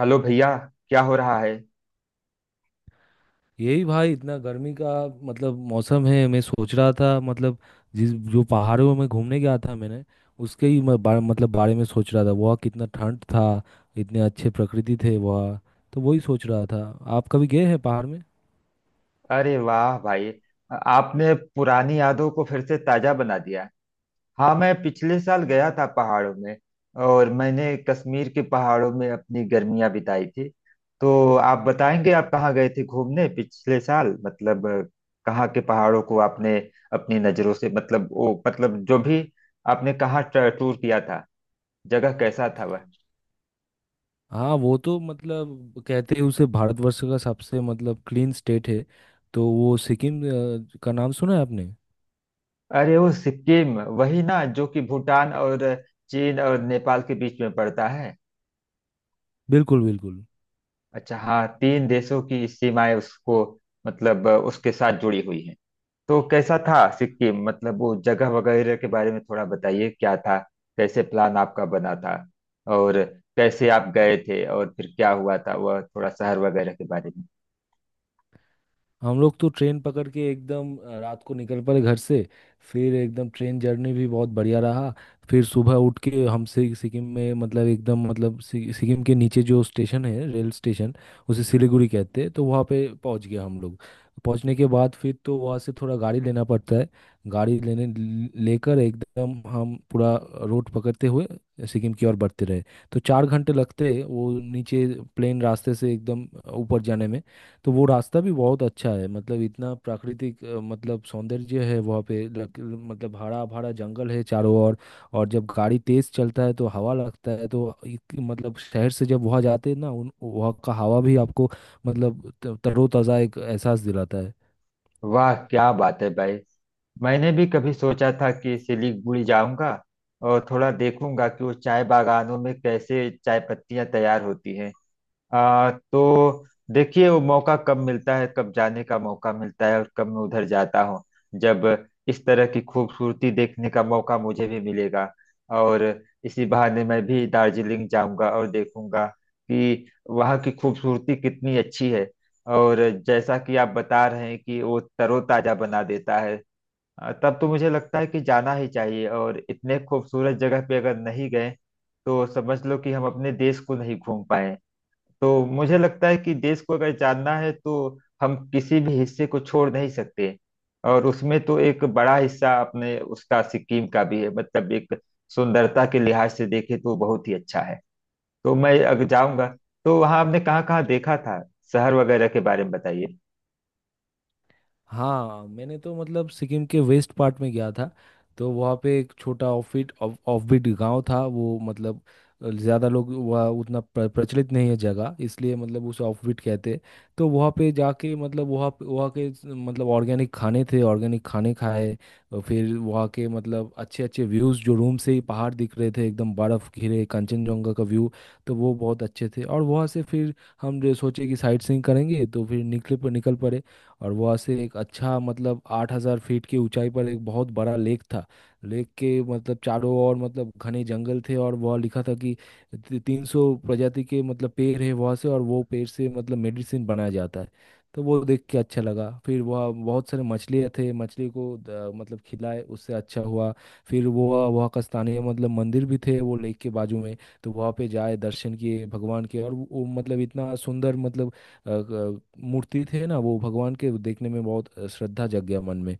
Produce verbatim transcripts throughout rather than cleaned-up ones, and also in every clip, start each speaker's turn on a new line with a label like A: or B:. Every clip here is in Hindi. A: हेलो भैया। क्या हो रहा है।
B: यही भाई इतना गर्मी का मतलब मौसम है। मैं सोच रहा था मतलब जिस जो पहाड़ों में घूमने गया था मैंने उसके ही मैं बारे, मतलब बारे में सोच रहा था। वहाँ कितना ठंड था, इतने अच्छे प्रकृति थे वहाँ, तो वही सोच रहा था। आप कभी गए हैं पहाड़ में?
A: अरे वाह भाई। आपने पुरानी यादों को फिर से ताजा बना दिया। हाँ, मैं पिछले साल गया था पहाड़ों में, और मैंने कश्मीर के पहाड़ों में अपनी गर्मियां बिताई थी। तो आप बताएंगे, आप कहाँ गए थे घूमने पिछले साल, मतलब अ, कहाँ के पहाड़ों को आपने अपनी नजरों से, मतलब वो, मतलब जो भी, आपने कहाँ ट- टूर किया था। जगह कैसा था वह।
B: हाँ, वो तो मतलब कहते हैं उसे भारतवर्ष का सबसे मतलब क्लीन स्टेट है। तो वो सिक्किम अ, का नाम सुना है आपने?
A: अरे वो सिक्किम वही ना, जो कि भूटान और चीन और नेपाल के बीच में पड़ता है।
B: बिल्कुल बिल्कुल।
A: अच्छा, हाँ, तीन देशों की सीमाएं उसको, मतलब उसके साथ जुड़ी हुई हैं। तो कैसा था सिक्किम, मतलब वो जगह वगैरह के बारे में थोड़ा बताइए क्या था, कैसे प्लान आपका बना था, और कैसे आप गए थे, और फिर क्या हुआ था वह, थोड़ा शहर वगैरह के बारे में।
B: हम लोग तो ट्रेन पकड़ के एकदम अ, रात को निकल पड़े घर से। फिर एकदम ट्रेन जर्नी भी बहुत बढ़िया रहा। फिर सुबह उठ के हम सि- सिक्किम में मतलब एकदम मतलब सि- सिक्किम के नीचे जो स्टेशन है रेल स्टेशन उसे सिलीगुड़ी कहते हैं, तो वहाँ पे पहुँच गया हम लोग। पहुँचने के बाद फिर तो वहाँ से थोड़ा गाड़ी लेना पड़ता है। गाड़ी लेने लेकर एकदम हम पूरा रोड पकड़ते हुए सिक्किम की ओर बढ़ते रहे। तो चार घंटे लगते हैं वो नीचे प्लेन रास्ते से एकदम ऊपर जाने में। तो वो रास्ता भी बहुत अच्छा है, मतलब इतना प्राकृतिक अ, मतलब सौंदर्य है वहाँ पे, लक- मतलब हरा भरा जंगल है चारों ओर। और जब गाड़ी तेज चलता है तो हवा लगता है तो इत- मतलब शहर से जब वहाँ जाते हैं ना उन वहाँ का हवा भी आपको मतलब त- तरोताज़ा एक एहसास दिलाता है।
A: वाह क्या बात है भाई। मैंने भी कभी सोचा था कि सिलीगुड़ी जाऊंगा, और थोड़ा देखूंगा कि वो चाय बागानों में कैसे चाय पत्तियां तैयार होती हैं। आ, तो देखिए वो मौका कब मिलता है, कब जाने का मौका मिलता है, और कब मैं उधर जाता हूँ, जब इस तरह की खूबसूरती देखने का मौका मुझे भी मिलेगा। और इसी बहाने मैं भी दार्जिलिंग जाऊंगा और देखूंगा कि वहाँ की खूबसूरती कितनी अच्छी है। और जैसा कि आप बता रहे हैं कि वो तरोताजा बना देता है, आ, तब तो मुझे लगता है कि जाना ही चाहिए, और इतने खूबसूरत जगह पे अगर नहीं गए तो समझ लो कि हम अपने देश को नहीं घूम पाए। तो मुझे लगता है कि देश को अगर जानना है तो हम किसी भी हिस्से को छोड़ नहीं सकते। और उसमें तो एक बड़ा हिस्सा अपने उसका सिक्किम का भी है, मतलब एक, सुंदरता के लिहाज से देखे तो बहुत ही अच्छा है। तो मैं अगर जाऊंगा तो। वहां आपने कहाँ कहाँ देखा था, शहर वगैरह के बारे में बताइए।
B: हाँ, मैंने तो मतलब सिक्किम के वेस्ट पार्ट में गया था। तो वहाँ पे एक छोटा ऑफबीट ऑफबीट गांव था वो, मतलब ज़्यादा लोग वह उतना प्र- प्रचलित नहीं है जगह, इसलिए मतलब उसे ऑफबीट कहते हैं। तो वहाँ पे जाके मतलब वहाँ पे- वहाँ के स- मतलब ऑर्गेनिक खाने थे, ऑर्गेनिक खाने खाए। और फिर वहाँ के मतलब अच्छे अच्छे व्यूज़, जो रूम से ही पहाड़ दिख रहे थे एकदम बर्फ़ घिरे कंचनजंगा का व्यू, तो वो बहुत अच्छे थे। और वहाँ से फिर हम जो सोचे कि साइट सीइंग करेंगे तो फिर निकले निकल पड़े। और वहाँ से एक अच्छा मतलब आठ हजार फीट की ऊंचाई पर एक बहुत बड़ा लेक था। लेक के मतलब चारों ओर मतलब घने जंगल थे और वहाँ लिखा था कि तीन सौ प्रजाति के मतलब पेड़ है वहाँ से, और वो पेड़ से मतलब मेडिसिन बनाया जाता है। तो वो देख के अच्छा लगा। फिर वहाँ बहुत सारे मछलियाँ थे, मछली को द- मतलब खिलाए उससे अच्छा हुआ। फिर वो वहाँ का स्थानीय मतलब मंदिर भी थे वो लेक के बाजू में, तो वहाँ पे जाए दर्शन किए भगवान के। और वो वो मतलब इतना सुंदर मतलब अ, क- मूर्ति थे ना वो भगवान के, देखने में बहुत श्रद्धा जग गया मन में।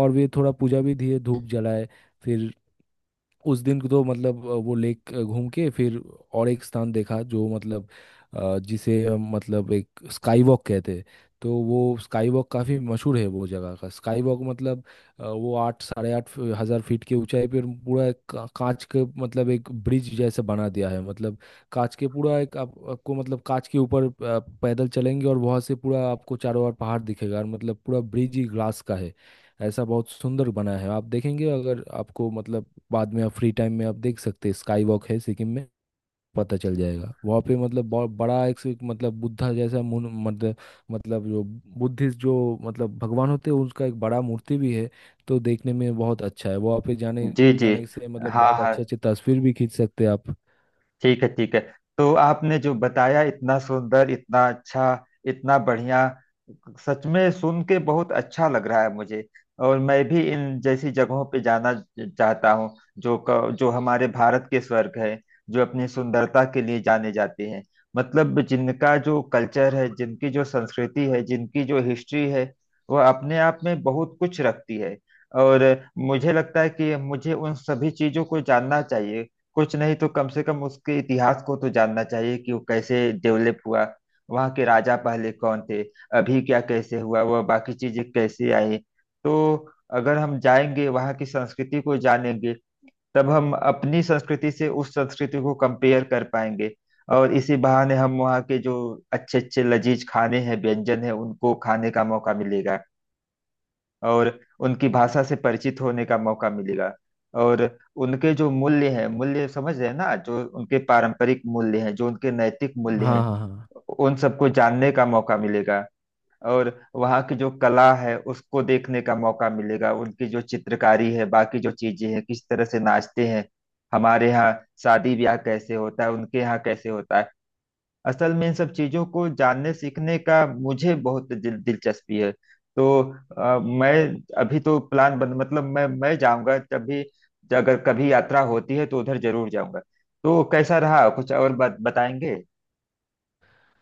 B: और वे थोड़ा पूजा भी दिए, धूप जलाए। फिर उस दिन तो मतलब अ, वो लेक अ, घूम के फिर और एक स्थान देखा, जो मतलब अ, जिसे अ, मतलब एक स्काई वॉक कहते हैं। तो वो स्काई वॉक काफ़ी मशहूर है वो जगह का। स्काई वॉक मतलब अ, वो आठ साढ़े आठ फ- हज़ार फीट की ऊंचाई पर पूरा एक का- कांच के मतलब एक ब्रिज जैसे बना दिया है। मतलब कांच के पूरा एक आप, आपको मतलब कांच के ऊपर अ, पैदल चलेंगे और वहाँ से पूरा आपको चारों ओर पहाड़ दिखेगा, और मतलब पूरा ब्रिज ही ग्लास का है। ऐसा बहुत सुंदर बना है। आप देखेंगे अगर आपको मतलब बाद में आप फ्री टाइम में, आप देख सकते हैं स्काई वॉक है सिक्किम में, पता चल जाएगा। वहाँ पे मतलब बहुत बड़ा एक से- मतलब बुद्धा जैसा मुन- मतलब मतलब जो बुद्धिस्ट जो मतलब भगवान होते हैं उसका एक बड़ा मूर्ति भी है। तो देखने में बहुत अच्छा है वहाँ पे जाने
A: जी, जी।
B: जाने से, मतलब
A: हाँ,
B: बहुत
A: हाँ।
B: अच्छे अच्छे तस्वीर भी खींच सकते हैं आप।
A: ठीक है, ठीक है। तो आपने जो बताया इतना सुंदर, इतना अच्छा, इतना बढ़िया, सच में सुन के बहुत अच्छा लग रहा है मुझे। और मैं भी इन जैसी जगहों पे जाना चाहता हूँ, जो क- जो हमारे भारत के स्वर्ग है, जो अपनी सुंदरता के लिए जाने जाते हैं। मतलब जिनका जो कल्चर है, जिनकी जो संस्कृति है, जिनकी जो हिस्ट्री है, वह अपने आप में बहुत कुछ रखती है। और मुझे लगता है कि मुझे उन सभी चीजों को जानना चाहिए। कुछ नहीं तो कम से कम उसके इतिहास को तो जानना चाहिए कि वो कैसे डेवलप हुआ। वहाँ के राजा पहले कौन थे। अभी क्या, कैसे हुआ वह, बाकी चीजें कैसे आई। तो अगर हम जाएंगे, वहाँ की संस्कृति को जानेंगे, तब हम अपनी संस्कृति से उस संस्कृति को कंपेयर कर पाएंगे। और इसी बहाने हम वहाँ के जो अच्छे अच्छे लजीज खाने हैं, व्यंजन है, उनको खाने का मौका मिलेगा। और उनकी भाषा से परिचित होने का मौका मिलेगा। और उनके जो मूल्य हैं, मूल्य समझ रहे हैं ना, जो उनके पारंपरिक मूल्य हैं, जो उनके नैतिक मूल्य
B: हाँ
A: हैं,
B: हाँ हाँ।
A: उन सबको जानने का मौका मिलेगा। और वहाँ की जो कला है उसको देखने का मौका मिलेगा, उनकी जो चित्रकारी है, बाकी जो चीजें हैं, किस तरह से नाचते हैं। हमारे यहाँ शादी ब्याह कैसे होता है, उनके यहाँ कैसे होता है। असल में इन सब चीजों को जानने सीखने का मुझे बहुत दिल, दिलचस्पी है। तो अ, मैं, अभी तो प्लान बन, मतलब मैं मैं जाऊंगा जब भी, अगर कभी यात्रा होती है तो उधर जरूर जाऊंगा। तो कैसा रहा, कुछ और बत, बताएंगे।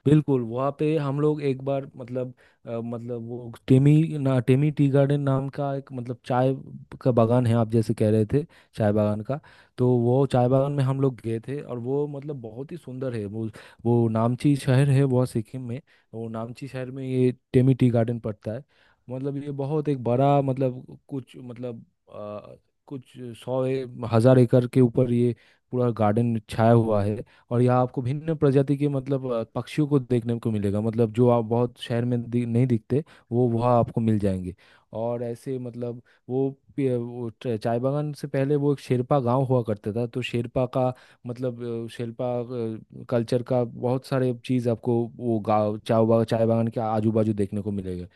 B: बिल्कुल वहाँ पे हम लोग एक बार मतलब अ, मतलब वो टेमी ना टेमी टी गार्डन नाम का एक मतलब चाय का बागान है, आप जैसे कह रहे थे चाय बागान का। तो वो चाय बागान में हम लोग गए थे और वो मतलब बहुत ही सुंदर है वो। वो नामची शहर है वो सिक्किम में। वो नामची शहर में ये टेमी टी गार्डन पड़ता है। मतलब ये बहुत एक बड़ा मतलब कुछ मतलब अ, कुछ सौ ए- हजार एकड़ के ऊपर ये पूरा गार्डन छाया हुआ है। और यहाँ आपको भिन्न प्रजाति के मतलब अ, पक्षियों को देखने को मिलेगा, मतलब जो आप बहुत शहर में दि, नहीं दिखते वो वहाँ आपको मिल जाएंगे। और ऐसे मतलब वो, पे- वो च- चाय बागान से पहले वो एक शेरपा गांव हुआ करता था, तो शेरपा का मतलब अ, शेरपा कल्चर का बहुत सारे चीज़ आपको वो गाँव चाय बाग चाय बागान के आजू बाजू देखने को मिलेगा।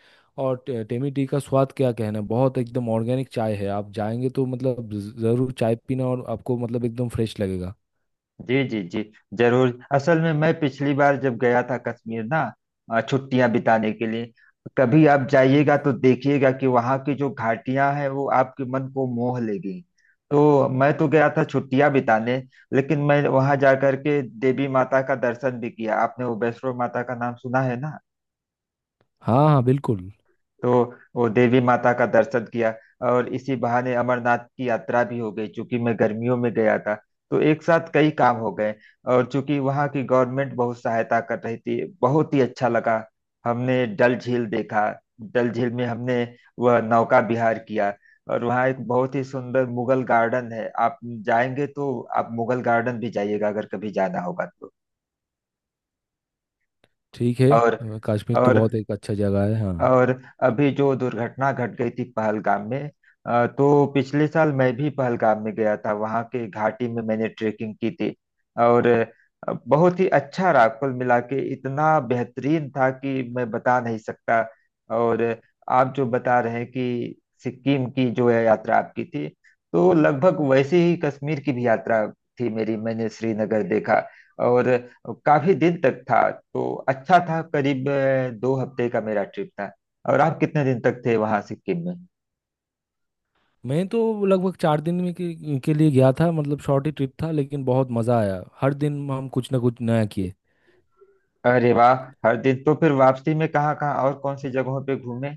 B: और टे- टेमी टी का स्वाद क्या कहना, बहुत एकदम ऑर्गेनिक चाय है। आप जाएंगे तो मतलब ज़रूर चाय पीना और आपको मतलब एकदम फ्रेश लगेगा।
A: जी, जी, जी। जरूर। असल में मैं पिछली बार जब गया था कश्मीर ना, अ, छुट्टियां बिताने के लिए। कभी आप जाइएगा तो देखिएगा कि वहाँ की जो घाटियां हैं वो आपके मन को मोह लेगी। तो मैं तो गया था छुट्टियां बिताने, लेकिन मैं वहाँ जा करके देवी माता का दर्शन भी किया। आपने वो वैष्णो माता का नाम सुना है ना।
B: हाँ हाँ बिल्कुल।
A: तो वो देवी माता का दर्शन किया, और इसी बहाने अमरनाथ की यात्रा भी हो गई। चूंकि मैं गर्मियों में गया था, तो एक साथ कई काम हो गए। और चूंकि वहाँ की गवर्नमेंट बहुत सहायता कर रही थी, बहुत ही अच्छा लगा। हमने डल झील देखा। डल झील में हमने वह नौका विहार किया। और वहाँ एक बहुत ही सुंदर मुगल गार्डन है। आप जाएंगे तो आप मुगल गार्डन भी जाइएगा, अगर कभी जाना होगा तो।
B: ठीक है,
A: और
B: अ, कश्मीर तो
A: और
B: बहुत एक अच्छा जगह है हाँ।
A: और अभी जो दुर्घटना घट गई थी पहलगाम में। अ, तो पिछले साल मैं भी पहलगाम में गया था, वहाँ के घाटी में मैंने ट्रेकिंग की थी। और अ, बहुत ही अच्छा रहा, कुल मिला के इतना बेहतरीन था कि मैं बता नहीं सकता। और आप जो बता रहे हैं कि सिक्किम की जो है यात्रा आपकी थी, तो लगभग वैसे ही कश्मीर की भी यात्रा थी मेरी। मैंने श्रीनगर देखा। और काफी दिन तक था, तो अच्छा था। करीब अ, दो हफ्ते का मेरा ट्रिप था। और आप कितने दिन तक थे वहां सिक्किम में।
B: मैं तो लगभग चार दिन में के, के लिए गया था, मतलब शॉर्ट ही ट्रिप था लेकिन बहुत मज़ा आया, हर दिन हम कुछ ना कुछ नया किए।
A: अरे वाह। हर दिन तो फिर, वापसी में कहाँ कहाँ और कौन सी जगहों पे घूमे।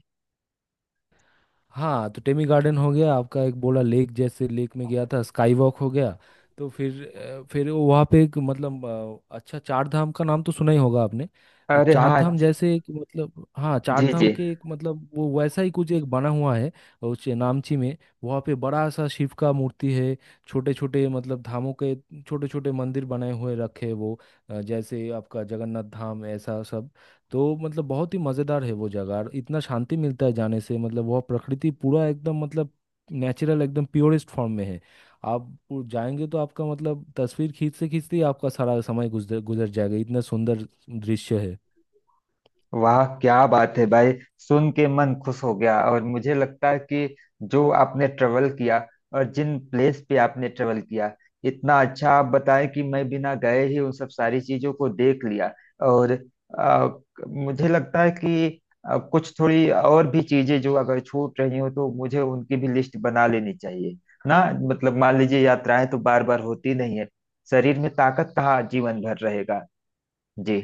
B: हाँ, तो टेमी गार्डन हो गया आपका, एक बोला लेक जैसे लेक में गया था, स्काई वॉक हो गया। तो फिर अ, फिर वो वहाँ पे एक मतलब अ, अच्छा, चार धाम का नाम तो सुना ही होगा आपने। तो
A: अरे
B: चार
A: हाँ,
B: धाम
A: ज-
B: जैसे एक मतलब, हाँ, चार
A: जी
B: धाम
A: जी।
B: के एक मतलब वो वैसा ही कुछ एक बना हुआ है उस नामची में। वहाँ पे बड़ा सा शिव का मूर्ति है। छोटे छोटे मतलब धामों के छोटे छोटे मंदिर बनाए हुए रखे हैं वो अ, जैसे आपका जगन्नाथ धाम, ऐसा सब। तो मतलब बहुत ही मज़ेदार है वो जगह और इतना शांति मिलता है जाने से, मतलब वह प्रकृति पूरा एकदम मतलब नेचुरल एकदम प्योरेस्ट फॉर्म में है। आप पु- जाएंगे तो आपका मतलब तस्वीर खींचते खींचते ही आपका सारा समय गुजर गुजर जाएगा, इतना सुंदर दृश्य है।
A: वाह क्या बात है भाई, सुन के मन खुश हो गया। और मुझे लगता है कि, जो आपने ट्रेवल किया, और जिन प्लेस पे आपने ट्रेवल किया, इतना अच्छा आप बताए कि मैं बिना गए ही उन सब सारी चीजों को देख लिया। और आ, मुझे लगता है कि आ, कुछ थोड़ी और भी चीजें जो अगर छूट रही हो, तो मुझे उनकी भी लिस्ट बना लेनी चाहिए ना। मतलब मान लीजिए, यात्राएं तो बार बार होती नहीं है। शरीर में ताकत कहाँ जीवन भर रहेगा। जी।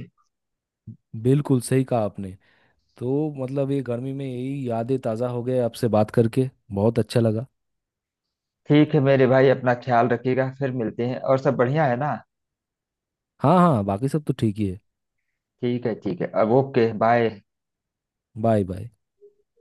B: बिल्कुल सही कहा आपने। तो मतलब ये गर्मी में यही यादें ताज़ा हो गए आपसे बात करके, बहुत अच्छा लगा।
A: ठीक है मेरे भाई, अपना ख्याल रखिएगा, फिर मिलते हैं। और सब बढ़िया है ना।
B: हाँ हाँ, बाकी सब तो ठीक ही है।
A: ठीक है, ठीक है, अब ओके, बाय।
B: Bye bye.